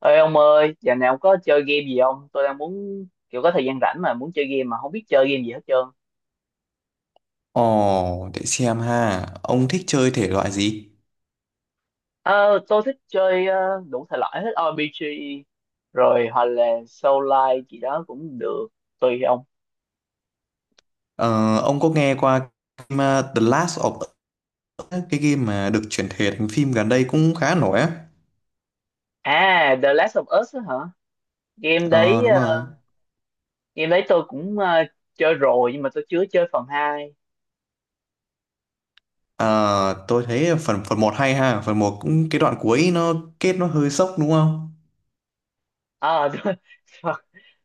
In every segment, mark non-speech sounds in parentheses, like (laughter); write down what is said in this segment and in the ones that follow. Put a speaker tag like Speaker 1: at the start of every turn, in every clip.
Speaker 1: Ê ông ơi, giờ nào có chơi game gì không? Tôi đang muốn kiểu có thời gian rảnh mà muốn chơi game mà không biết chơi game gì hết trơn.
Speaker 2: Ồ, để xem ha. Ông thích chơi thể loại gì?
Speaker 1: Ờ, tôi thích chơi đủ thể loại hết, RPG rồi hoặc là Soul Like gì đó cũng được, tùy ông.
Speaker 2: Ờ, ông có nghe qua game, The Last of Us, ấy, cái game mà được chuyển thể thành phim gần đây cũng khá nổi á.
Speaker 1: À, The Last of Us á hả? Game
Speaker 2: Ờ,
Speaker 1: đấy
Speaker 2: đúng rồi.
Speaker 1: game đấy tôi cũng chơi rồi, nhưng mà tôi chưa chơi phần hai.
Speaker 2: Ờ, tôi thấy phần phần một hay ha. Phần một cũng cái đoạn cuối nó kết nó hơi sốc đúng không?
Speaker 1: À, (laughs) tôi,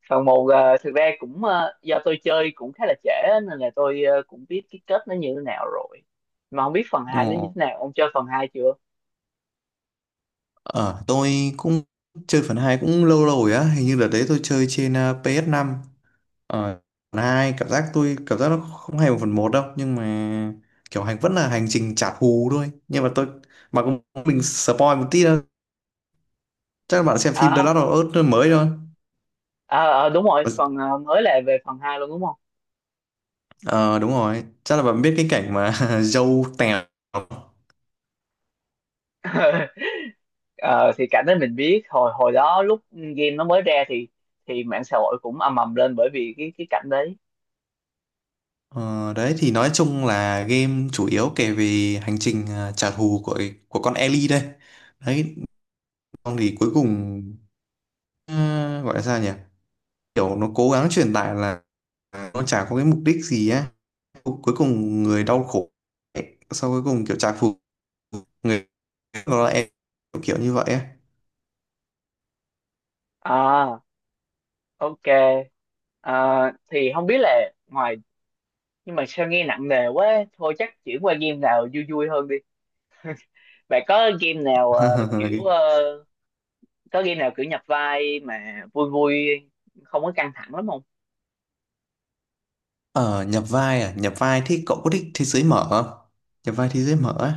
Speaker 1: phần một thực ra cũng do tôi chơi cũng khá là trễ á, nên là tôi cũng biết cái kết nó như thế nào rồi, mà không biết phần hai nó như thế
Speaker 2: Ồ,
Speaker 1: nào. Ông chơi phần hai chưa?
Speaker 2: ờ, tôi cũng chơi phần 2 cũng lâu lâu rồi á. Hình như đợt đấy tôi chơi trên ps năm. Ờ, hai cảm giác tôi cảm giác nó không hay một phần một đâu, nhưng mà kiểu hành vẫn là hành trình trả thù thôi, nhưng mà tôi mà cũng mình spoil một tí đâu, chắc là bạn xem
Speaker 1: À,
Speaker 2: phim The Last of Us mới thôi.
Speaker 1: à, ờ, đúng rồi, phần mới là về phần hai luôn đúng không?
Speaker 2: Ờ đúng rồi, chắc là bạn biết cái cảnh mà (laughs) dâu tèo.
Speaker 1: (laughs) Ờ, thì cảnh đó mình biết hồi hồi đó lúc game nó mới ra thì mạng xã hội cũng ầm ầm lên, bởi vì cái cảnh đấy.
Speaker 2: Ờ, đấy thì nói chung là game chủ yếu kể về hành trình, à, trả thù của con Ellie đây đấy, xong thì cuối cùng ờ, gọi là sao nhỉ, kiểu nó cố gắng truyền tải là nó chả có cái mục đích gì á, cuối cùng người đau khổ ấy. Sau cuối cùng kiểu trả thù người đó là em, kiểu, kiểu như vậy ấy.
Speaker 1: À, ok. Ờ, thì không biết là ngoài, nhưng mà sao nghe nặng nề quá, thôi chắc chuyển qua game nào vui vui hơn. Bạn có game nào kiểu
Speaker 2: (laughs)
Speaker 1: có game nào kiểu nhập vai mà vui vui, không có căng thẳng lắm không?
Speaker 2: Ờ nhập vai, à nhập vai thì cậu có thích thế giới mở không, nhập vai thế giới mở á.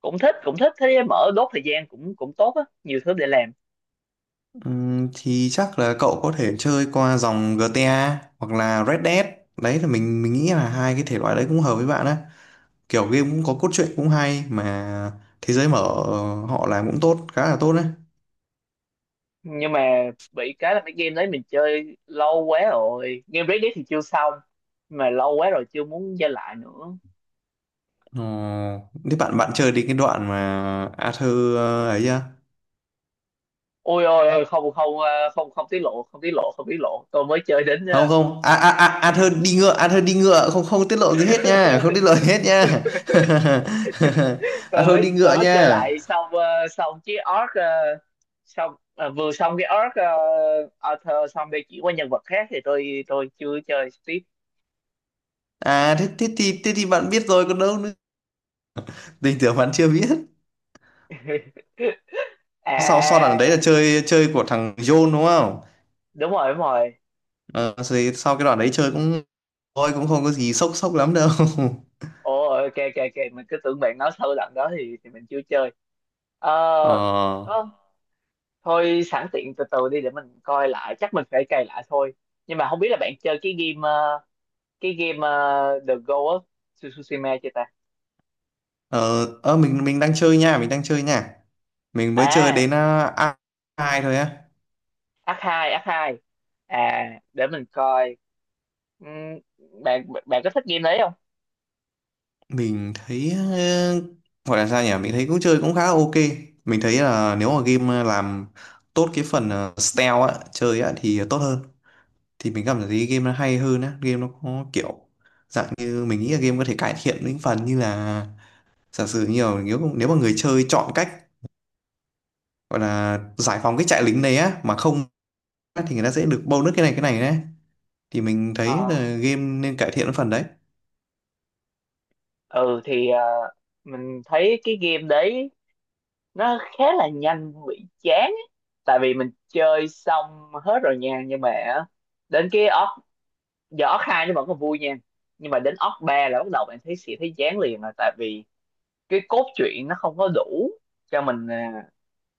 Speaker 1: Cũng thích thế mở, đốt thời gian cũng cũng tốt á, nhiều thứ để làm.
Speaker 2: Thì chắc là cậu có thể chơi qua dòng GTA hoặc là Red Dead, đấy là mình nghĩ là hai cái thể loại đấy cũng hợp với bạn á, kiểu game cũng có cốt truyện cũng hay mà thế giới mở ờ, họ làm cũng tốt, khá là tốt đấy.
Speaker 1: Nhưng mà bị cái là mấy game đấy mình chơi lâu quá rồi. Game Red Dead thì chưa xong mà lâu quá rồi chưa muốn chơi lại nữa.
Speaker 2: Ờ, thế bạn bạn chơi đến cái đoạn mà Arthur ờ, ấy chưa?
Speaker 1: Ôi ôi ôi, không không, không không tiết lộ, không tiết lộ, không tiết lộ. Tôi mới chơi đến
Speaker 2: Không không, à à, a Athơn đi ngựa, Athơn đi ngựa, không không tiết lộ gì hết nha,
Speaker 1: ờ,
Speaker 2: không tiết lộ gì hết nha.
Speaker 1: (laughs)
Speaker 2: (laughs)
Speaker 1: tôi
Speaker 2: Athơn
Speaker 1: mới
Speaker 2: đi
Speaker 1: tôi
Speaker 2: ngựa
Speaker 1: mới chơi
Speaker 2: nha.
Speaker 1: lại xong, xong chiếc orc, xong vừa xong cái orc, author, xong để chuyển qua nhân vật khác thì tôi chưa chơi tiếp.
Speaker 2: À thế, thế thì bạn biết rồi còn đâu nữa, tình tưởng bạn chưa biết.
Speaker 1: (laughs) À,
Speaker 2: Sau sau đoạn đấy
Speaker 1: à,
Speaker 2: là
Speaker 1: à,
Speaker 2: chơi chơi của thằng John đúng không.
Speaker 1: đúng rồi đúng rồi.
Speaker 2: Ờ, rồi sau cái đoạn đấy chơi cũng thôi, cũng không có gì sốc sốc lắm đâu.
Speaker 1: Ồ, ok ok ok, mình cứ tưởng bạn nói sâu lần đó thì mình chưa chơi. ờ
Speaker 2: (laughs) ờ
Speaker 1: có- thôi sẵn tiện từ từ đi để mình coi lại, chắc mình phải cày lại thôi. Nhưng mà không biết là bạn chơi cái game The Ghost of Tsushima chưa ta?
Speaker 2: ờ ờ, mình đang chơi nha, mình đang chơi nha. Mình mới chơi đến
Speaker 1: À,
Speaker 2: à, ai thôi á.
Speaker 1: ác hai ác hai. À, để mình coi. Ừm, bạn bạn có thích game đấy không?
Speaker 2: Mình thấy ờ, gọi là sao nhỉ, mình thấy cũng chơi cũng khá là ok. Mình thấy là nếu mà game làm tốt cái phần ờ, stealth á chơi á thì tốt hơn, thì mình cảm thấy game nó hay hơn á, game nó có kiểu dạng như mình nghĩ là game có thể cải thiện những phần như là giả sử nhiều, nếu nếu mà người chơi chọn cách gọi là giải phóng cái trại lính đấy á mà không á, thì người ta sẽ được bonus cái này đấy, thì mình
Speaker 1: Ờ,
Speaker 2: thấy là game nên cải thiện cái phần đấy.
Speaker 1: ừ, thì mình thấy cái game đấy nó khá là nhanh bị chán ấy. Tại vì mình chơi xong hết rồi nha, nhưng mà á, đến cái orc, giờ orc hai nó vẫn còn vui nha, nhưng mà đến orc ba là bắt đầu bạn thấy sẽ thấy chán liền rồi. Tại vì cái cốt truyện nó không có đủ cho mình,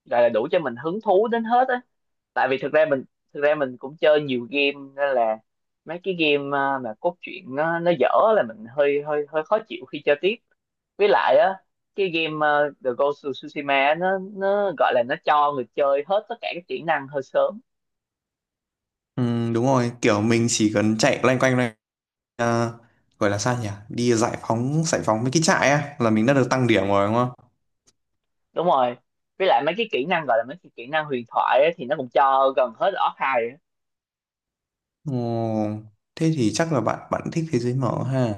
Speaker 1: gọi là đủ cho mình hứng thú đến hết á. Tại vì thực ra mình cũng chơi nhiều game, nên là mấy cái game, mà cốt truyện nó dở là mình hơi hơi hơi khó chịu khi chơi tiếp. Với lại á, cái game, The Ghost of Tsushima á, nó gọi là nó cho người chơi hết tất cả các kỹ năng hơi sớm.
Speaker 2: Ừ, đúng rồi, kiểu mình chỉ cần chạy loanh quanh này à, gọi là sao nhỉ, đi giải phóng mấy cái trại á là mình đã được tăng điểm rồi đúng không.
Speaker 1: Đúng rồi, với lại mấy cái kỹ năng, gọi là mấy cái kỹ năng huyền thoại á, thì nó cũng cho gần hết ở Orc 2 á.
Speaker 2: Ồ, thế thì chắc là bạn bạn thích thế giới mở ha,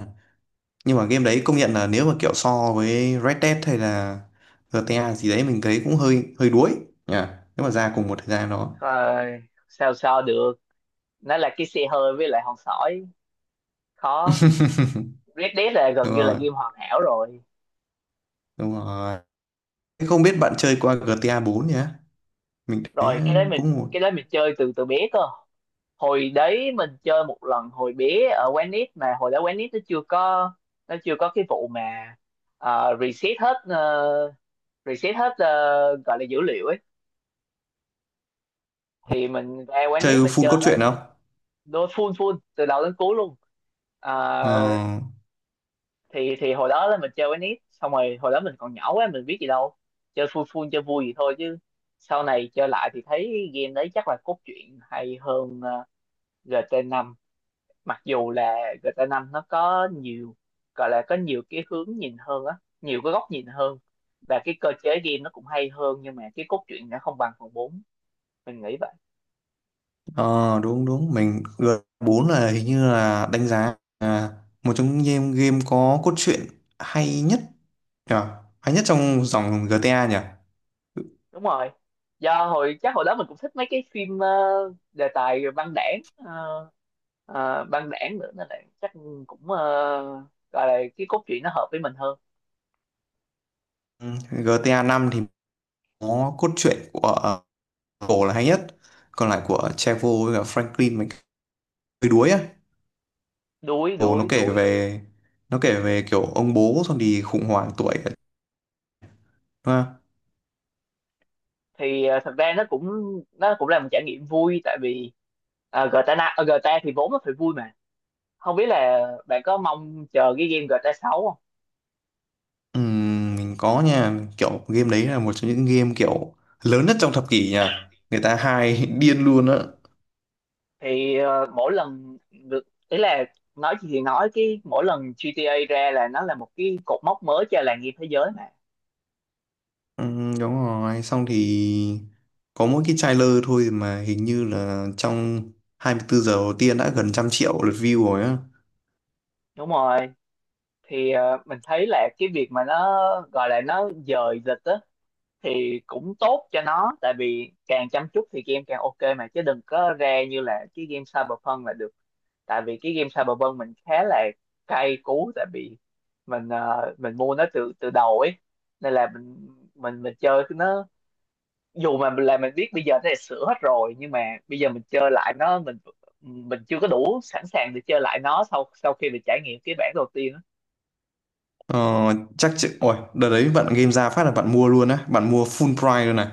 Speaker 2: nhưng mà game đấy công nhận là nếu mà kiểu so với Red Dead hay là GTA gì đấy mình thấy cũng hơi hơi đuối nhỉ, nếu mà ra cùng một thời gian đó.
Speaker 1: Rồi, sao sao được, nó là cái xe hơi với lại hòn sỏi, khó.
Speaker 2: (laughs)
Speaker 1: Red Dead là gần
Speaker 2: Đúng
Speaker 1: như là
Speaker 2: rồi,
Speaker 1: game hoàn hảo rồi.
Speaker 2: đúng rồi. Thế không biết bạn chơi qua GTA bốn nhỉ, mình thấy
Speaker 1: Rồi
Speaker 2: ờ, cũng một.
Speaker 1: cái đấy mình chơi từ từ bé cơ. Hồi đấy mình chơi một lần hồi bé ở quán nít, mà hồi đó quán nít nó chưa có cái vụ mà ờ, reset hết ờ, reset hết, gọi là dữ liệu ấy. Thì mình ra quán
Speaker 2: Chơi
Speaker 1: nít mình
Speaker 2: full
Speaker 1: chơi
Speaker 2: cốt
Speaker 1: hết,
Speaker 2: truyện không?
Speaker 1: đôi full full từ đầu đến cuối luôn.
Speaker 2: Ờ.
Speaker 1: Ờ, thì hồi đó là mình chơi quán nít xong rồi, hồi đó mình còn nhỏ quá, mình biết gì đâu, chơi full full chơi vui gì thôi chứ. Sau này chơi lại thì thấy game đấy chắc là cốt truyện hay hơn gt năm, mặc dù là GTA 5 nó có nhiều, gọi là có nhiều cái hướng nhìn hơn á, nhiều cái góc nhìn hơn, và cái cơ chế game nó cũng hay hơn, nhưng mà cái cốt truyện nó không bằng phần bốn, mình nghĩ vậy.
Speaker 2: Ờ đúng đúng, mình g bốn là hình như là đánh giá là một trong những game có cốt truyện hay nhất nhỉ? Hay nhất trong dòng GTA nhỉ?
Speaker 1: Đúng rồi, do hồi chắc hồi đó mình cũng thích mấy cái phim, đề tài băng đảng, băng đảng nữa, nên là chắc cũng, gọi là cái cốt truyện nó hợp với mình hơn.
Speaker 2: Ừ, GTA năm thì có cốt truyện của ờ, Cổ là hay nhất, còn lại của Trevor với cả Franklin mình hơi đuối á.
Speaker 1: Đuối
Speaker 2: Cổ nó
Speaker 1: đuối
Speaker 2: kể
Speaker 1: đuối.
Speaker 2: về kiểu ông bố xong thì khủng hoảng tuổi đúng không?
Speaker 1: Thì thật ra nó cũng, là một trải nghiệm vui, tại vì GTA GTA thì vốn nó phải vui mà. Không biết là bạn có mong chờ cái game GTA 6 không?
Speaker 2: Ừ, mình có nha, kiểu game đấy là một trong những game kiểu lớn nhất trong thập kỷ nha, người ta hay (laughs) điên luôn á.
Speaker 1: Thì mỗi lần được ý là, nói gì thì nói, cái mỗi lần GTA ra là nó là một cái cột mốc mới cho làng game thế giới mà.
Speaker 2: Ừ, đúng rồi xong thì có mỗi cái trailer thôi mà hình như là trong 24 giờ đầu tiên đã gần trăm triệu lượt view rồi á.
Speaker 1: Đúng rồi. Thì mình thấy là cái việc mà nó, gọi là nó dời lịch á, thì cũng tốt cho nó. Tại vì càng chăm chút thì game càng ok mà, chứ đừng có ra như là cái game Cyberpunk là được. Tại vì cái game Cyberpunk mình khá là cay cú. Tại vì mình, mình mua nó từ từ đầu ấy, nên là mình chơi cái nó, dù mà là mình biết bây giờ nó đã sửa hết rồi, nhưng mà bây giờ mình chơi lại nó, mình chưa có đủ sẵn sàng để chơi lại nó sau sau khi mình trải nghiệm cái bản đầu tiên á.
Speaker 2: Ờ, chắc chị ôi đợt đấy bạn game ra phát là bạn mua luôn á, bạn mua full price luôn này.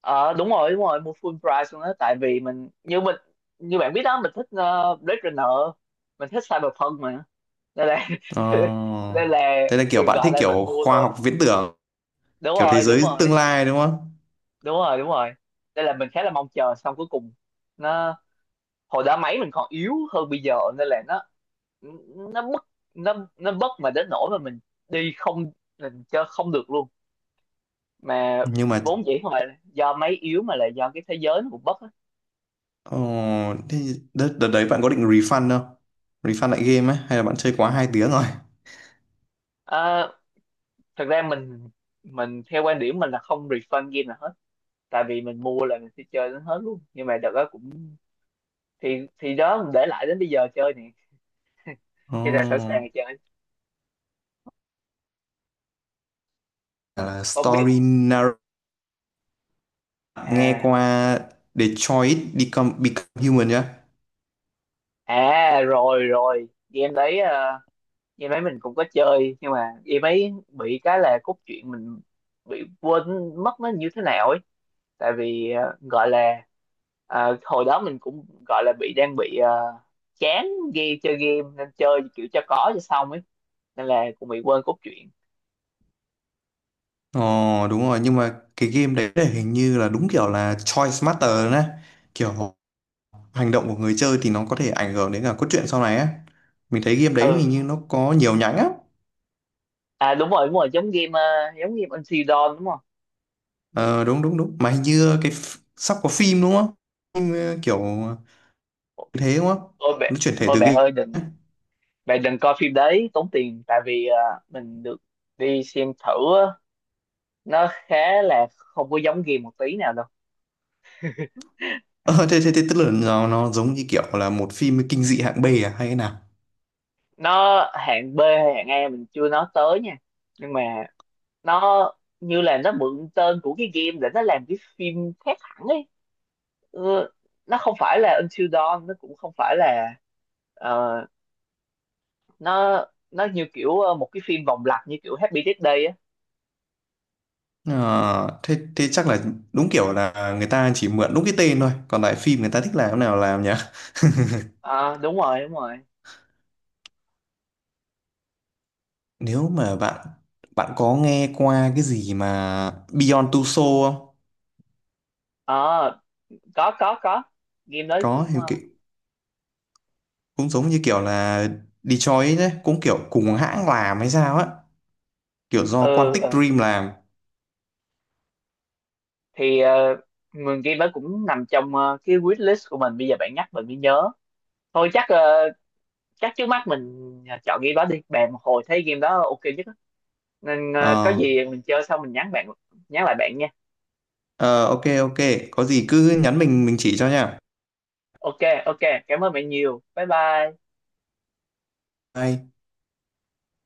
Speaker 1: Ờ, đúng rồi đúng rồi, mua full price luôn đó. Tại vì mình, như bạn biết đó, mình thích Blade Runner, mình thích Cyberpunk mà, nên là (laughs)
Speaker 2: Ờ,
Speaker 1: nên là,
Speaker 2: thế là
Speaker 1: ừ,
Speaker 2: kiểu bạn
Speaker 1: gọi
Speaker 2: thích
Speaker 1: là mình
Speaker 2: kiểu
Speaker 1: mua
Speaker 2: khoa
Speaker 1: thôi.
Speaker 2: học viễn tưởng,
Speaker 1: Đúng
Speaker 2: kiểu thế
Speaker 1: rồi đúng
Speaker 2: giới
Speaker 1: rồi
Speaker 2: tương lai đúng không.
Speaker 1: đúng rồi đúng rồi, đây là mình khá là mong chờ, xong cuối cùng nó, hồi đó máy mình còn yếu hơn bây giờ nên là nó bất nó bất mà đến nỗi mà mình đi không mình chơi không được luôn, mà
Speaker 2: Nhưng mà
Speaker 1: vốn dĩ không phải là do máy yếu mà là do cái thế giới nó cũng bất á.
Speaker 2: ờ, thế đợt đấy bạn có định refund không, refund lại game á hay là bạn chơi quá hai tiếng rồi.
Speaker 1: À, thật ra mình theo quan điểm mình là không refund game nào hết. Tại vì mình mua là mình sẽ chơi đến hết luôn, nhưng mà đợt đó cũng, thì đó mình để lại đến bây giờ chơi nè. Cho là sẵn sàng
Speaker 2: Ờ,
Speaker 1: chơi.
Speaker 2: là
Speaker 1: Không biết,
Speaker 2: story nghe
Speaker 1: à,
Speaker 2: qua Detroit Become Human nhá.
Speaker 1: à, rồi rồi, game đấy mình cũng có chơi, nhưng mà game ấy bị cái là cốt truyện mình bị quên mất nó như thế nào ấy. Tại vì gọi là hồi đó mình cũng gọi là bị, đang bị chán game, chơi game nên chơi kiểu cho có cho xong ấy. Nên là cũng bị quên cốt truyện.
Speaker 2: Ờ đúng rồi, nhưng mà cái game đấy là hình như là đúng kiểu là choice matter nè, kiểu hành động của người chơi thì nó có thể ảnh hưởng đến cả cốt truyện sau này á, mình thấy game đấy
Speaker 1: Ừ,
Speaker 2: hình như nó có nhiều nhánh á.
Speaker 1: à, đúng rồi đúng rồi, giống game, Until Dawn đúng không?
Speaker 2: Ờ đúng đúng đúng, mà hình như cái sắp có phim đúng không, phim ờ, kiểu như thế đúng không,
Speaker 1: Ôi
Speaker 2: nó
Speaker 1: bạn,
Speaker 2: chuyển thể
Speaker 1: ôi
Speaker 2: từ
Speaker 1: bạn
Speaker 2: game.
Speaker 1: ơi đừng, bạn đừng coi phim đấy, tốn tiền. Tại vì mình được đi xem thử, nó khá là không có giống game một tí nào đâu.
Speaker 2: Ờ thế, thế tức là nó giống như kiểu là một phim kinh dị hạng B à hay thế nào.
Speaker 1: Nó hạng B hay hạng A mình chưa nói tới nha, nhưng mà nó, như là nó mượn tên của cái game để nó làm cái phim khác hẳn ấy. Ừ, nó không phải là Until Dawn, nó cũng không phải là ờ, nó, như kiểu một cái phim vòng lặp như kiểu Happy Death Day á.
Speaker 2: Ờ, thế, thế chắc là đúng kiểu là người ta chỉ mượn đúng cái tên thôi, còn lại phim người ta thích làm thế nào làm nhỉ.
Speaker 1: Ờ, đúng rồi đúng rồi.
Speaker 2: Nếu mà bạn bạn có nghe qua cái gì mà Beyond Two Souls không.
Speaker 1: Ờ, có, game đấy
Speaker 2: Có
Speaker 1: cũng
Speaker 2: thì cái, cũng giống như kiểu là Detroit đấy cũng kiểu cùng hãng làm hay sao á, kiểu do
Speaker 1: ừ
Speaker 2: Quantic
Speaker 1: ừ.
Speaker 2: Dream làm.
Speaker 1: Thì mười game đó cũng nằm trong cái wish list của mình, bây giờ bạn nhắc mình mới nhớ. Thôi chắc trước mắt mình chọn game đó đi bạn, một hồi thấy game đó ok nhất á. Nên có
Speaker 2: Ờ
Speaker 1: gì mình chơi xong mình nhắn lại bạn nha.
Speaker 2: ờ, ok ok, có gì cứ nhắn mình chỉ cho nha.
Speaker 1: Ok ok, cảm ơn bạn nhiều, bye bye.
Speaker 2: Bye.